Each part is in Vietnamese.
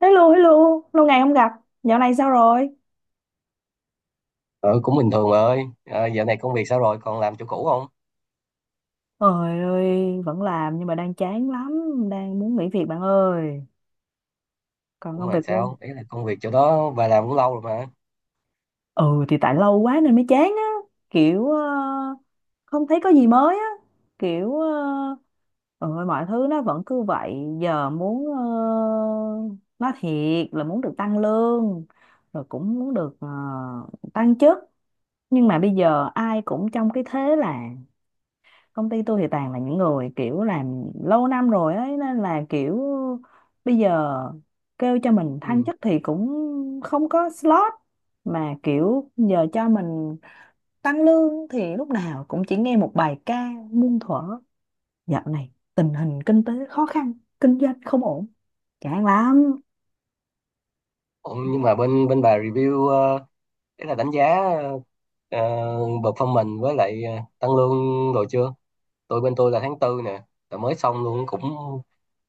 Hello, hello, lâu ngày không gặp, dạo này sao rồi? Ừ, cũng bình thường bà ơi. À, dạo này công việc sao rồi? Còn làm chỗ cũ không? Trời ơi, vẫn làm nhưng mà đang chán lắm, đang muốn nghỉ việc bạn ơi. Còn Cũng công việc làm của... sao? Đấy là công việc chỗ đó bà làm cũng lâu rồi mà. Ừ thì tại lâu quá nên mới chán á, kiểu không thấy có gì mới á, kiểu ừ, mọi thứ nó vẫn cứ vậy, giờ muốn nói thiệt là muốn được tăng lương, rồi cũng muốn được tăng chức, nhưng mà bây giờ ai cũng trong cái thế là công ty tôi thì toàn là những người kiểu làm lâu năm rồi ấy, nên là kiểu bây giờ kêu cho mình thăng Ừ. chức thì cũng không có slot, mà kiểu giờ cho mình tăng lương thì lúc nào cũng chỉ nghe một bài ca muôn thuở: dạo này tình hình kinh tế khó khăn, kinh doanh không ổn, chán lắm. Ủa, nhưng mà bên bên bà review, đấy là đánh giá, ờ, performance với lại tăng lương rồi chưa? Tôi bên tôi là tháng tư nè, là mới xong luôn cũng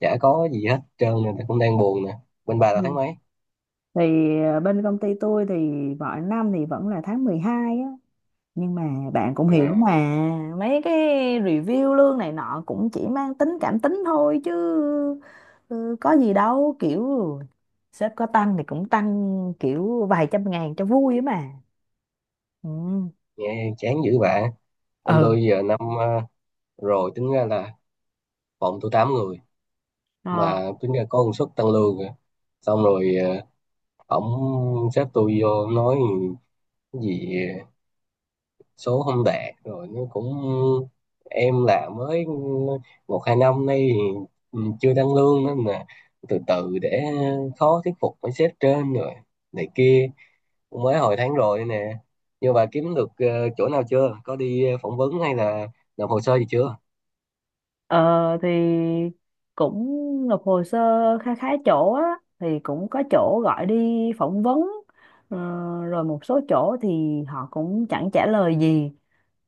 chả có gì hết trơn nè, cũng đang buồn nè. Bên bà là tháng Ừ. mấy? Thì bên công ty tôi thì mọi năm thì vẫn là tháng 12 á, nhưng mà bạn cũng hiểu À, mà, mấy cái review lương này nọ cũng chỉ mang tính cảm tính thôi chứ, ừ, có gì đâu, kiểu sếp có tăng thì cũng tăng kiểu vài trăm ngàn cho vui ấy mà. Ừ. nghe chán dữ bà. Bên tôi giờ năm, rồi tính ra là phòng tôi 8 người mà Ừ. tính ra có công suất tăng lương kìa. Xong rồi, ổng xếp tôi vô nói cái gì số không đạt rồi nó cũng em là mới một hai năm nay thì chưa tăng lương nên mà từ từ để khó thuyết phục mấy sếp trên rồi này kia, cũng mới hồi tháng rồi nè. Nhưng bà kiếm được chỗ nào chưa, có đi phỏng vấn hay là nộp hồ sơ gì chưa? Ờ, thì cũng nộp hồ sơ kha khá chỗ á, thì cũng có chỗ gọi đi phỏng vấn, ờ, rồi một số chỗ thì họ cũng chẳng trả lời gì.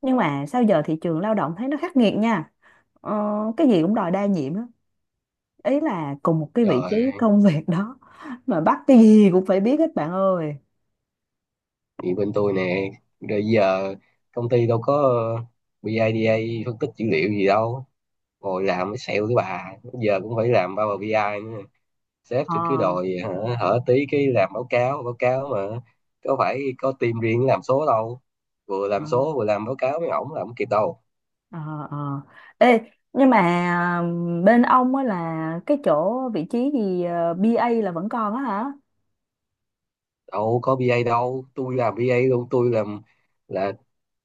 Nhưng mà sao giờ thị trường lao động thấy nó khắc nghiệt nha, ờ, cái gì cũng đòi đa nhiệm á, ý là cùng một cái vị trí Trời, công việc đó mà bắt cái gì cũng phải biết hết bạn ơi. thì bên tôi nè, rồi giờ công ty đâu có BIDA, phân tích dữ liệu gì đâu, ngồi làm mới sale cái bà giờ cũng phải làm Power BI nữa. Sếp ờ thì cứ đòi hả, hở tí cái làm báo cáo mà có phải có team riêng làm số đâu, vừa ờ làm số vừa làm báo cáo với ổng là không kịp đâu. ờ ờ Ê, nhưng mà bên ông á là cái chỗ vị trí gì, bê A là vẫn còn á hả? Đâu có BA đâu, tôi làm BA luôn, tôi làm là,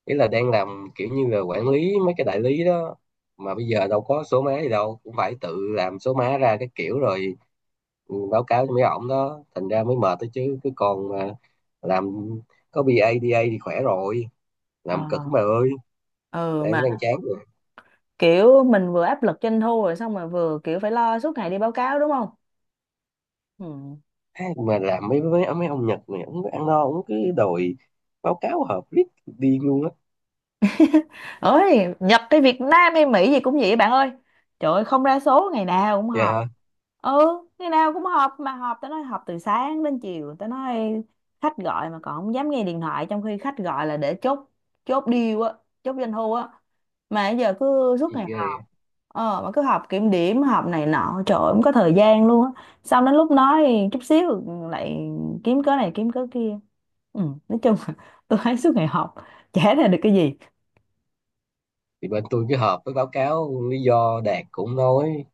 ý là đang làm kiểu như là quản lý mấy cái đại lý đó mà bây giờ đâu có số má gì đâu, cũng phải tự làm số má ra cái kiểu rồi báo cáo cho mấy ổng đó, thành ra mới mệt đó chứ cứ còn mà làm có bê a BA a thì khỏe rồi. Ờ. Làm cực bà ơi. Ừ. đang Mà đang chán rồi. kiểu mình vừa áp lực doanh thu rồi xong rồi vừa kiểu phải lo suốt ngày đi báo cáo đúng không? Ừ. Thế mà làm mấy mấy mấy ông Nhật này, ông ăn no ông cứ đòi báo cáo họp riết điên luôn á. Ơi, nhập tới Việt Nam hay Mỹ gì cũng vậy bạn ơi, trời ơi không ra số ngày nào cũng Dạ họp. hả? Ừ, ngày nào cũng họp, mà họp tao nói họp từ sáng đến chiều, tao nói khách gọi mà còn không dám nghe điện thoại, trong khi khách gọi là để chốt, chốt deal á, chốt doanh thu á, mà giờ cứ suốt Gì ngày ghê. họp. Ờ, mà cứ họp kiểm điểm họp này nọ, trời ơi, không có thời gian luôn á, xong đến lúc nói chút xíu lại kiếm cớ này kiếm cớ kia. Ừ, nói chung là tôi thấy suốt ngày họp chả ra được cái gì. Thì bên tôi cứ họp với báo cáo, lý do đạt cũng nói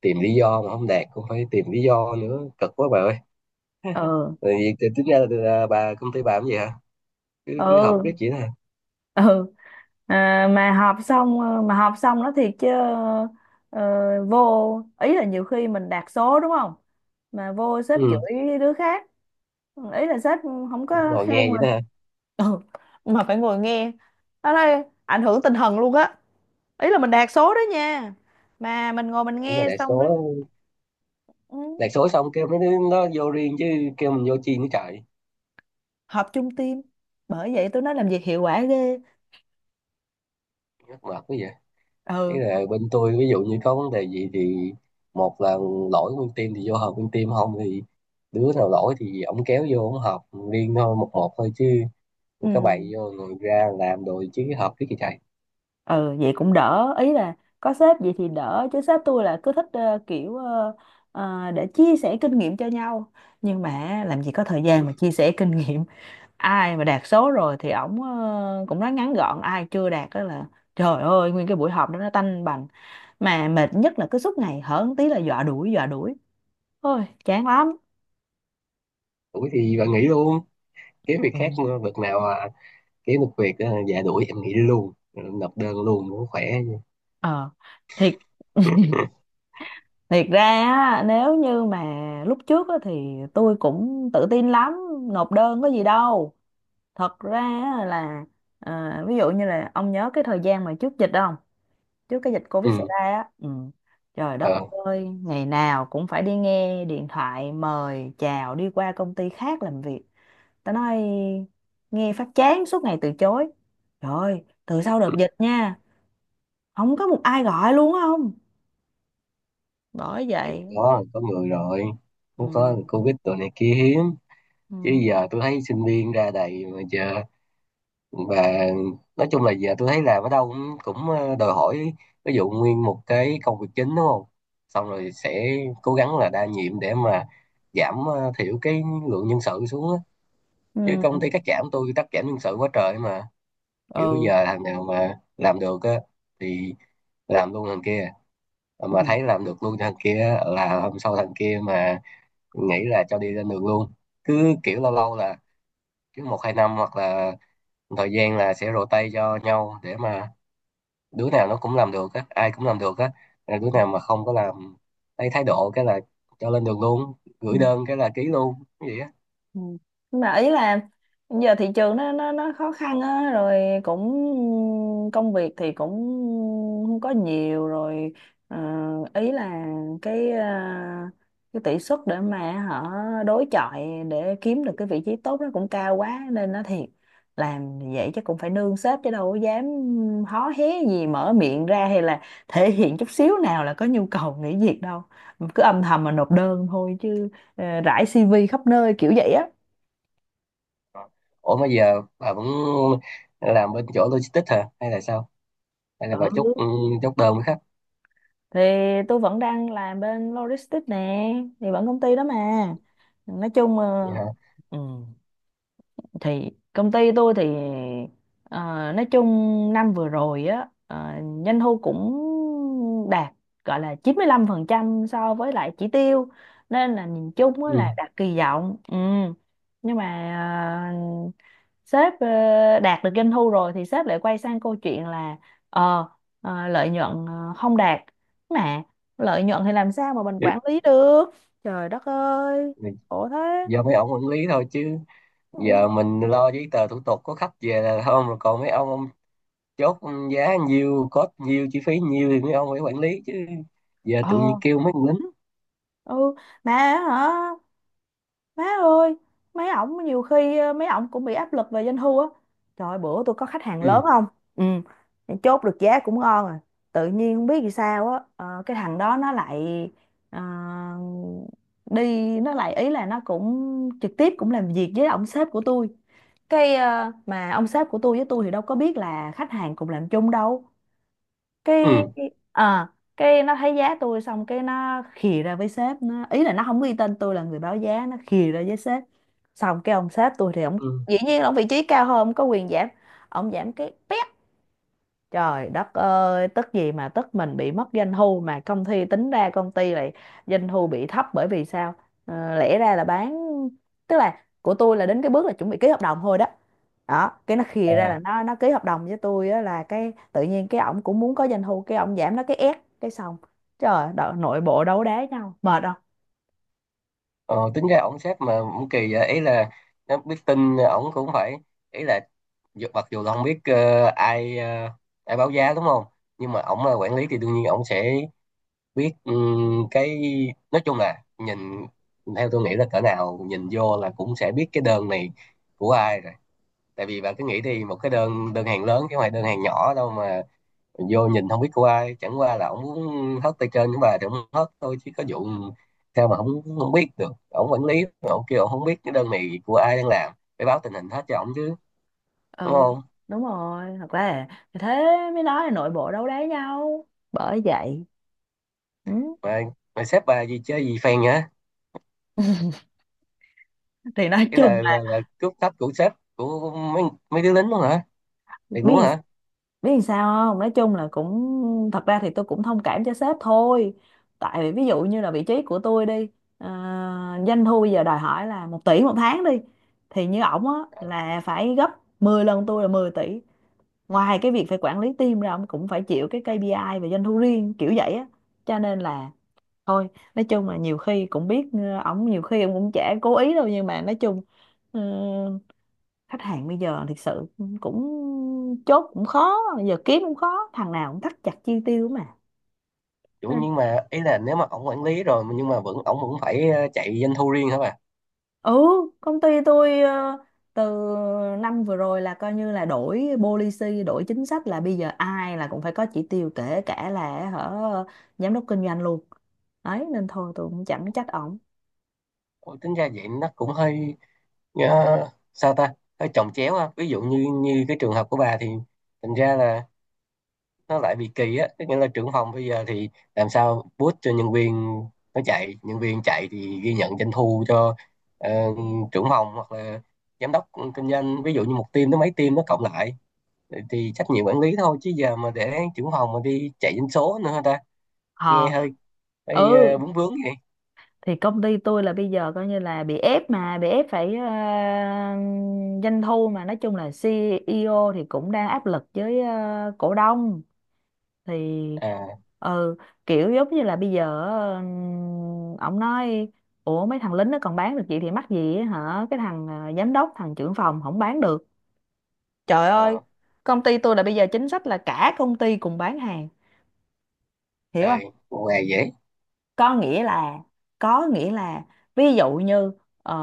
tìm lý do, mà không đạt cũng phải tìm lý do nữa, cực quá bà ơi. Ừ. Rồi vì thì tính ra là, bà công ty bà làm gì hả, cứ cứ họp Ừ. riết vậy đó hả? Ừ. À, mà họp xong, mà họp xong nó thiệt chứ, ờ, vô ý là nhiều khi mình đạt số đúng không, mà vô sếp Ừ. chửi đứa khác, ý là sếp không Cũng có ngồi khen nghe vậy mình. đó hả? Ừ. Mà phải ngồi nghe đó, đây ảnh hưởng tinh thần luôn á, ý là mình đạt số đó nha, mà mình ngồi mình Ủa mà nghe đại số xong rồi. Ừ. đại số xong kêu mấy đứa nó vô riêng chứ kêu mình vô chi nữa trời. Họp chung team, bởi vậy tôi nói làm việc hiệu quả ghê. Mắc mệt quá vậy. Ý Ừ. là bên tôi ví dụ như có vấn đề gì thì, một là lỗi nguyên team thì vô họp nguyên team, không thì đứa nào lỗi thì ổng kéo vô ổng họp riêng thôi, một một thôi chứ. Ừ. Rồi các bày vô rồi ra làm rồi chứ họp cái gì chạy. Ừ, vậy cũng đỡ, ý là có sếp vậy thì đỡ, chứ sếp tôi là cứ thích kiểu để chia sẻ kinh nghiệm cho nhau, nhưng mà làm gì có thời gian mà chia sẻ kinh nghiệm. Ai mà đạt số rồi thì ổng cũng nói ngắn gọn, ai chưa đạt đó là trời ơi, nguyên cái buổi họp đó nó tanh bành. Mà mệt nhất là cứ suốt ngày hở một tí là dọa đuổi dọa đuổi, ôi chán lắm. Đuổi thì bạn nghỉ luôn, kiếm việc Ừ. khác mà, việc nào à, kiếm được việc à, dạ đuổi em nghỉ luôn, nộp đơn luôn cũng khỏe chứ. ờ Thiệt. Thiệt ra á, nếu như mà lúc trước á, thì tôi cũng tự tin lắm, nộp đơn có gì đâu. Thật ra á là à, ví dụ như là ông nhớ cái thời gian mà trước dịch không? Trước cái dịch Covid xảy Ừ. ra á. Ừ. Trời đất Ờ. ơi, ngày nào cũng phải đi nghe điện thoại mời chào đi qua công ty khác làm việc. Tao nói nghe phát chán, suốt ngày từ chối. Trời ơi, từ sau đợt dịch nha, không có một ai gọi luôn á, không? Bởi Thì vậy. có người rồi, cũng Ừ. có covid rồi này kia hiếm chứ Ừ. giờ tôi thấy sinh viên ra đầy mà. Giờ và nói chung là giờ tôi thấy làm ở đâu cũng cũng ờ, đòi hỏi ví dụ nguyên một cái công việc chính đúng không, xong rồi sẽ cố gắng là đa nhiệm để mà giảm, thiểu cái lượng nhân sự xuống á. Chứ Ừ. công ty cắt giảm tôi, cắt giảm nhân sự quá trời mà, kiểu Ừ. giờ thằng nào mà làm được á thì làm luôn thằng kia. Ờ, mà Ừ. thấy làm được luôn thằng kia á, là hôm sau thằng kia mà nghĩ là cho đi lên đường luôn. Cứ kiểu lâu lâu là cứ một hai năm hoặc là thời gian là sẽ rotate cho nhau để mà đứa nào nó cũng làm được á, ai cũng làm được á. Là đứa nào mà không có làm, lấy thái độ cái là cho lên đường luôn, Ừ. gửi đơn cái là ký luôn cái gì á. Ừ. Nhưng mà ý là giờ thị trường nó khó khăn á, rồi cũng công việc thì cũng không có nhiều rồi, ờ, ý là cái cái tỷ suất để mà họ đối chọi để kiếm được cái vị trí tốt nó cũng cao quá, nên nó thiệt làm vậy chứ cũng phải nương sếp, chứ đâu có dám hó hé gì, mở miệng ra hay là thể hiện chút xíu nào là có nhu cầu nghỉ việc đâu, cứ âm thầm mà nộp đơn thôi chứ, ờ, rải CV khắp nơi kiểu vậy á. Ờ. Ủa mà giờ bà vẫn làm bên chỗ logistics hả hay là sao, hay là bà chốt, Ừ, chốt đơn với khách? thì tôi vẫn đang làm bên logistics nè, thì vẫn công ty đó mà, nói chung Vậy hả. ừ, thì công ty tôi thì ờ, nói chung năm vừa rồi á, doanh thu cũng đạt, gọi là 95% so với lại chỉ tiêu, nên là nhìn chung á Ừ. là đạt kỳ vọng. Ừ. Nhưng mà ờ, sếp đạt được doanh thu rồi thì sếp lại quay sang câu chuyện là ờ ờ, lợi nhuận không đạt, mà lợi nhuận thì làm sao mà mình quản lý được, trời đất ơi, khổ thế. Giờ mấy ông quản lý thôi chứ, Ừ. giờ mình lo giấy tờ thủ tục có khách về là không rồi, còn mấy ông chốt giá nhiêu, cost nhiêu, chi phí nhiêu thì mấy ông phải quản lý chứ, giờ ờ tự nhiên kêu mấy con lính. ừ, mà hả, má ơi, mấy ổng nhiều khi mấy ổng cũng bị áp lực về doanh thu á. Trời ơi, bữa tôi có khách hàng Ừ. lớn không, ừ, chốt được giá cũng ngon rồi, tự nhiên không biết vì sao á, cái thằng đó nó lại ờ, đi, nó lại, ý là nó cũng trực tiếp cũng làm việc với ông sếp của tôi, cái mà ông sếp của tôi với tôi thì đâu có biết là khách hàng cùng làm chung đâu, cái Ừ. à, cái nó thấy giá tôi xong cái nó khì ra với sếp nó, ý là nó không ghi tên tôi là người báo giá, nó khì ra với sếp, xong cái ông sếp tôi thì ông Ừ. dĩ nhiên là ông vị trí cao hơn, ông có quyền giảm, ông giảm cái pét. Trời đất ơi, tức gì mà tức, mình bị mất doanh thu, mà công ty tính ra công ty lại doanh thu bị thấp, bởi vì sao? Ờ, lẽ ra là bán, tức là của tôi là đến cái bước là chuẩn bị ký hợp đồng thôi đó. Đó, cái nó khìa ra À. là nó ký hợp đồng với tôi á, là cái tự nhiên cái ổng cũng muốn có doanh thu, cái ổng giảm nó cái ép cái xong. Trời, đợ- nội bộ đấu đá nhau, mệt không? Ờ, tính ra ổng sếp mà cũng kỳ vậy, ý là nó biết tin ổng cũng phải, ý là mặc dù là không biết ai báo giá đúng không, nhưng mà ổng là quản lý thì đương nhiên ổng sẽ biết, cái nói chung là nhìn, theo tôi nghĩ là cỡ nào nhìn vô là cũng sẽ biết cái đơn này của ai rồi. Tại vì bạn cứ nghĩ thì một cái đơn đơn hàng lớn chứ không phải đơn hàng nhỏ đâu mà mình vô nhìn không biết của ai, chẳng qua là ổng muốn hớt tay trên của bà thì ổng hớt thôi chứ có vụ sao mà không không biết được. Ổng quản lý, ổng kêu ổng không biết cái đơn này của ai đang làm, phải báo tình hình hết cho ổng chứ, đúng Ừ. không? Đúng rồi, thật ra là thế mới nói là nội bộ đấu đá nhau. Bởi vậy. Ừ. Mà mà sếp bà gì chơi gì phèn hả? Thì nói Cái chung là là là, là cướp thấp của sếp, của mấy mấy đứa lính luôn hả? Thiệt luôn biết, hả? Làm sao không, nói chung là cũng thật ra thì tôi cũng thông cảm cho sếp thôi, tại vì ví dụ như là vị trí của tôi đi, ờ, doanh thu bây giờ đòi hỏi là 1 tỷ một tháng đi, thì như ổng á là phải gấp 10 lần tôi là 10 tỷ, ngoài cái việc phải quản lý team ra, ông cũng phải chịu cái KPI về doanh thu riêng kiểu vậy á, cho nên là thôi nói chung là nhiều khi cũng biết ổng nhiều khi ổng cũng chả cố ý đâu, nhưng mà nói chung ờ, khách hàng bây giờ thực sự cũng chốt cũng khó, bây giờ kiếm cũng khó, thằng nào cũng thắt chặt chi tiêu mà, nên Nhưng mà ý là nếu mà ổng quản lý rồi nhưng mà vẫn ổng vẫn phải chạy doanh thu riêng hả bà? ừ công ty tôi, từ năm vừa rồi là coi như là đổi policy, đổi chính sách là bây giờ ai là cũng phải có chỉ tiêu, kể cả là hở giám đốc kinh doanh luôn đấy, nên thôi tôi cũng chẳng trách ổng. Ôi, tính ra vậy nó cũng hơi. Ờ, sao ta, hơi chồng chéo ha, ví dụ như như cái trường hợp của bà thì thành ra là nó lại bị kỳ á, tức nghĩa là trưởng phòng bây giờ thì làm sao boost cho nhân viên nó chạy, nhân viên chạy thì ghi nhận doanh thu cho ờ, trưởng phòng hoặc là giám đốc kinh doanh, ví dụ như một team tới mấy team nó cộng lại thì trách nhiệm quản lý thôi chứ giờ mà để trưởng phòng mà đi chạy doanh số nữa hả ta? Nghe Ờ. hơi hơi, Ừ, bướng bướng vậy. thì công ty tôi là bây giờ coi như là bị ép, mà bị ép phải doanh thu, mà nói chung là CEO thì cũng đang áp lực với cổ đông, thì À. ừ kiểu giống như là bây giờ ổng nói: ủa mấy thằng lính nó còn bán được vậy thì mắc gì á, hả, cái thằng giám đốc thằng trưởng phòng không bán được, trời ơi. ờ, Công ty tôi là bây giờ chính sách là cả công ty cùng bán hàng, hiểu không? Rồi ngoài dễ. Có nghĩa là có nghĩa là, ví dụ như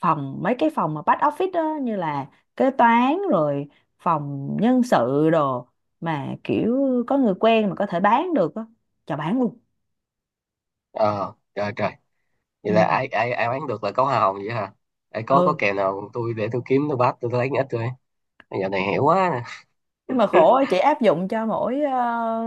phòng mấy cái phòng mà back office đó, như là kế toán rồi, phòng nhân sự đồ, mà kiểu có người quen mà có thể bán được á, cho bán luôn. Ờ Trời trời, vậy là ai Ừ. ai ai bán được là có hoa hồng vậy hả? Ai có Ừ, kèo nào tôi để tôi kiếm, tôi bắt tôi lấy ít thôi, giờ này hiểu quá nè. nhưng mà khổ á, chỉ áp dụng cho mỗi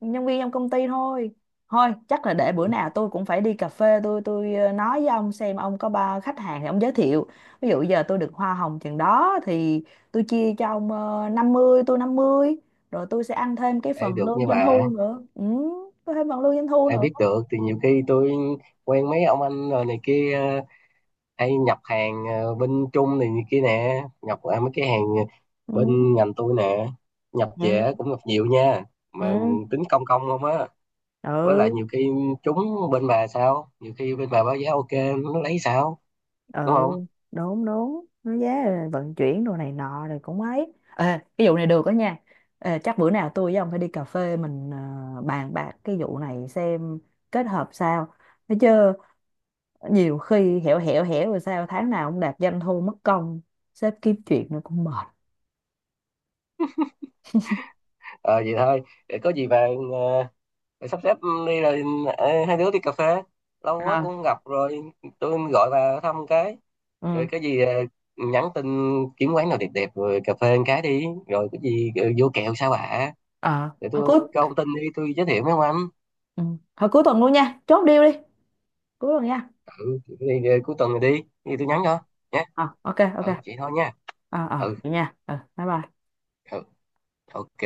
nhân viên trong công ty thôi. Thôi chắc là để bữa nào tôi cũng phải đi cà phê, tôi nói với ông xem ông có ba khách hàng thì ông giới thiệu, ví dụ giờ tôi được hoa hồng chừng đó thì tôi chia cho ông, 50 tôi 50, rồi tôi sẽ ăn thêm cái Ai phần được lương như doanh bà. thu nữa. Ừ, có thêm phần lương doanh thu Ai nữa. biết được thì nhiều khi tôi quen mấy ông anh rồi này kia, hay nhập hàng, bên Trung này, này kia nè, nhập mấy cái hàng Ừ. bên ngành tôi nè, nhập về Ừ. cũng nhập nhiều nha, mà Ừ, tính công công không á. Với lại ừ. nhiều khi trúng bên bà, sao nhiều khi bên bà báo giá ok nó lấy sao, Ừ, đúng không? đúng đúng, nó giá rồi vận chuyển đồ này nọ rồi cũng ấy. Ê, cái vụ này được đó nha. Ê, chắc bữa nào tôi với ông phải đi cà phê, mình bàn bạc cái vụ này xem kết hợp sao, thấy chứ, nhiều khi hẻo hẻo hẻo, rồi sao tháng nào ông đạt doanh thu, mất công sếp kiếm chuyện nó cũng mệt. Ờ Vậy thôi. Để có gì bà, ờ, rồi sắp xếp đi, rồi hai đứa đi cà phê, lâu quá cũng À. không gặp rồi. Tôi gọi bà thăm cái, Ừ. rồi cái gì nhắn tin kiếm quán nào đẹp đẹp rồi cà phê một cái đi, rồi cái gì vô kẹo sao bà, Ờ, để hồi tôi cuối, có thông tin đi tôi giới thiệu mấy ông anh. ừ, hồi cuối tuần luôn nha, chốt deal đi, cuối tuần nha. Ừ thì, cuối tuần này đi thì tôi Ờ, nhắn cho nhé. ờ, ok ok. Ừ vậy thôi nha. Ờ, ờ, Ừ, vậy nha, ừ, bye bye. ừ, ok.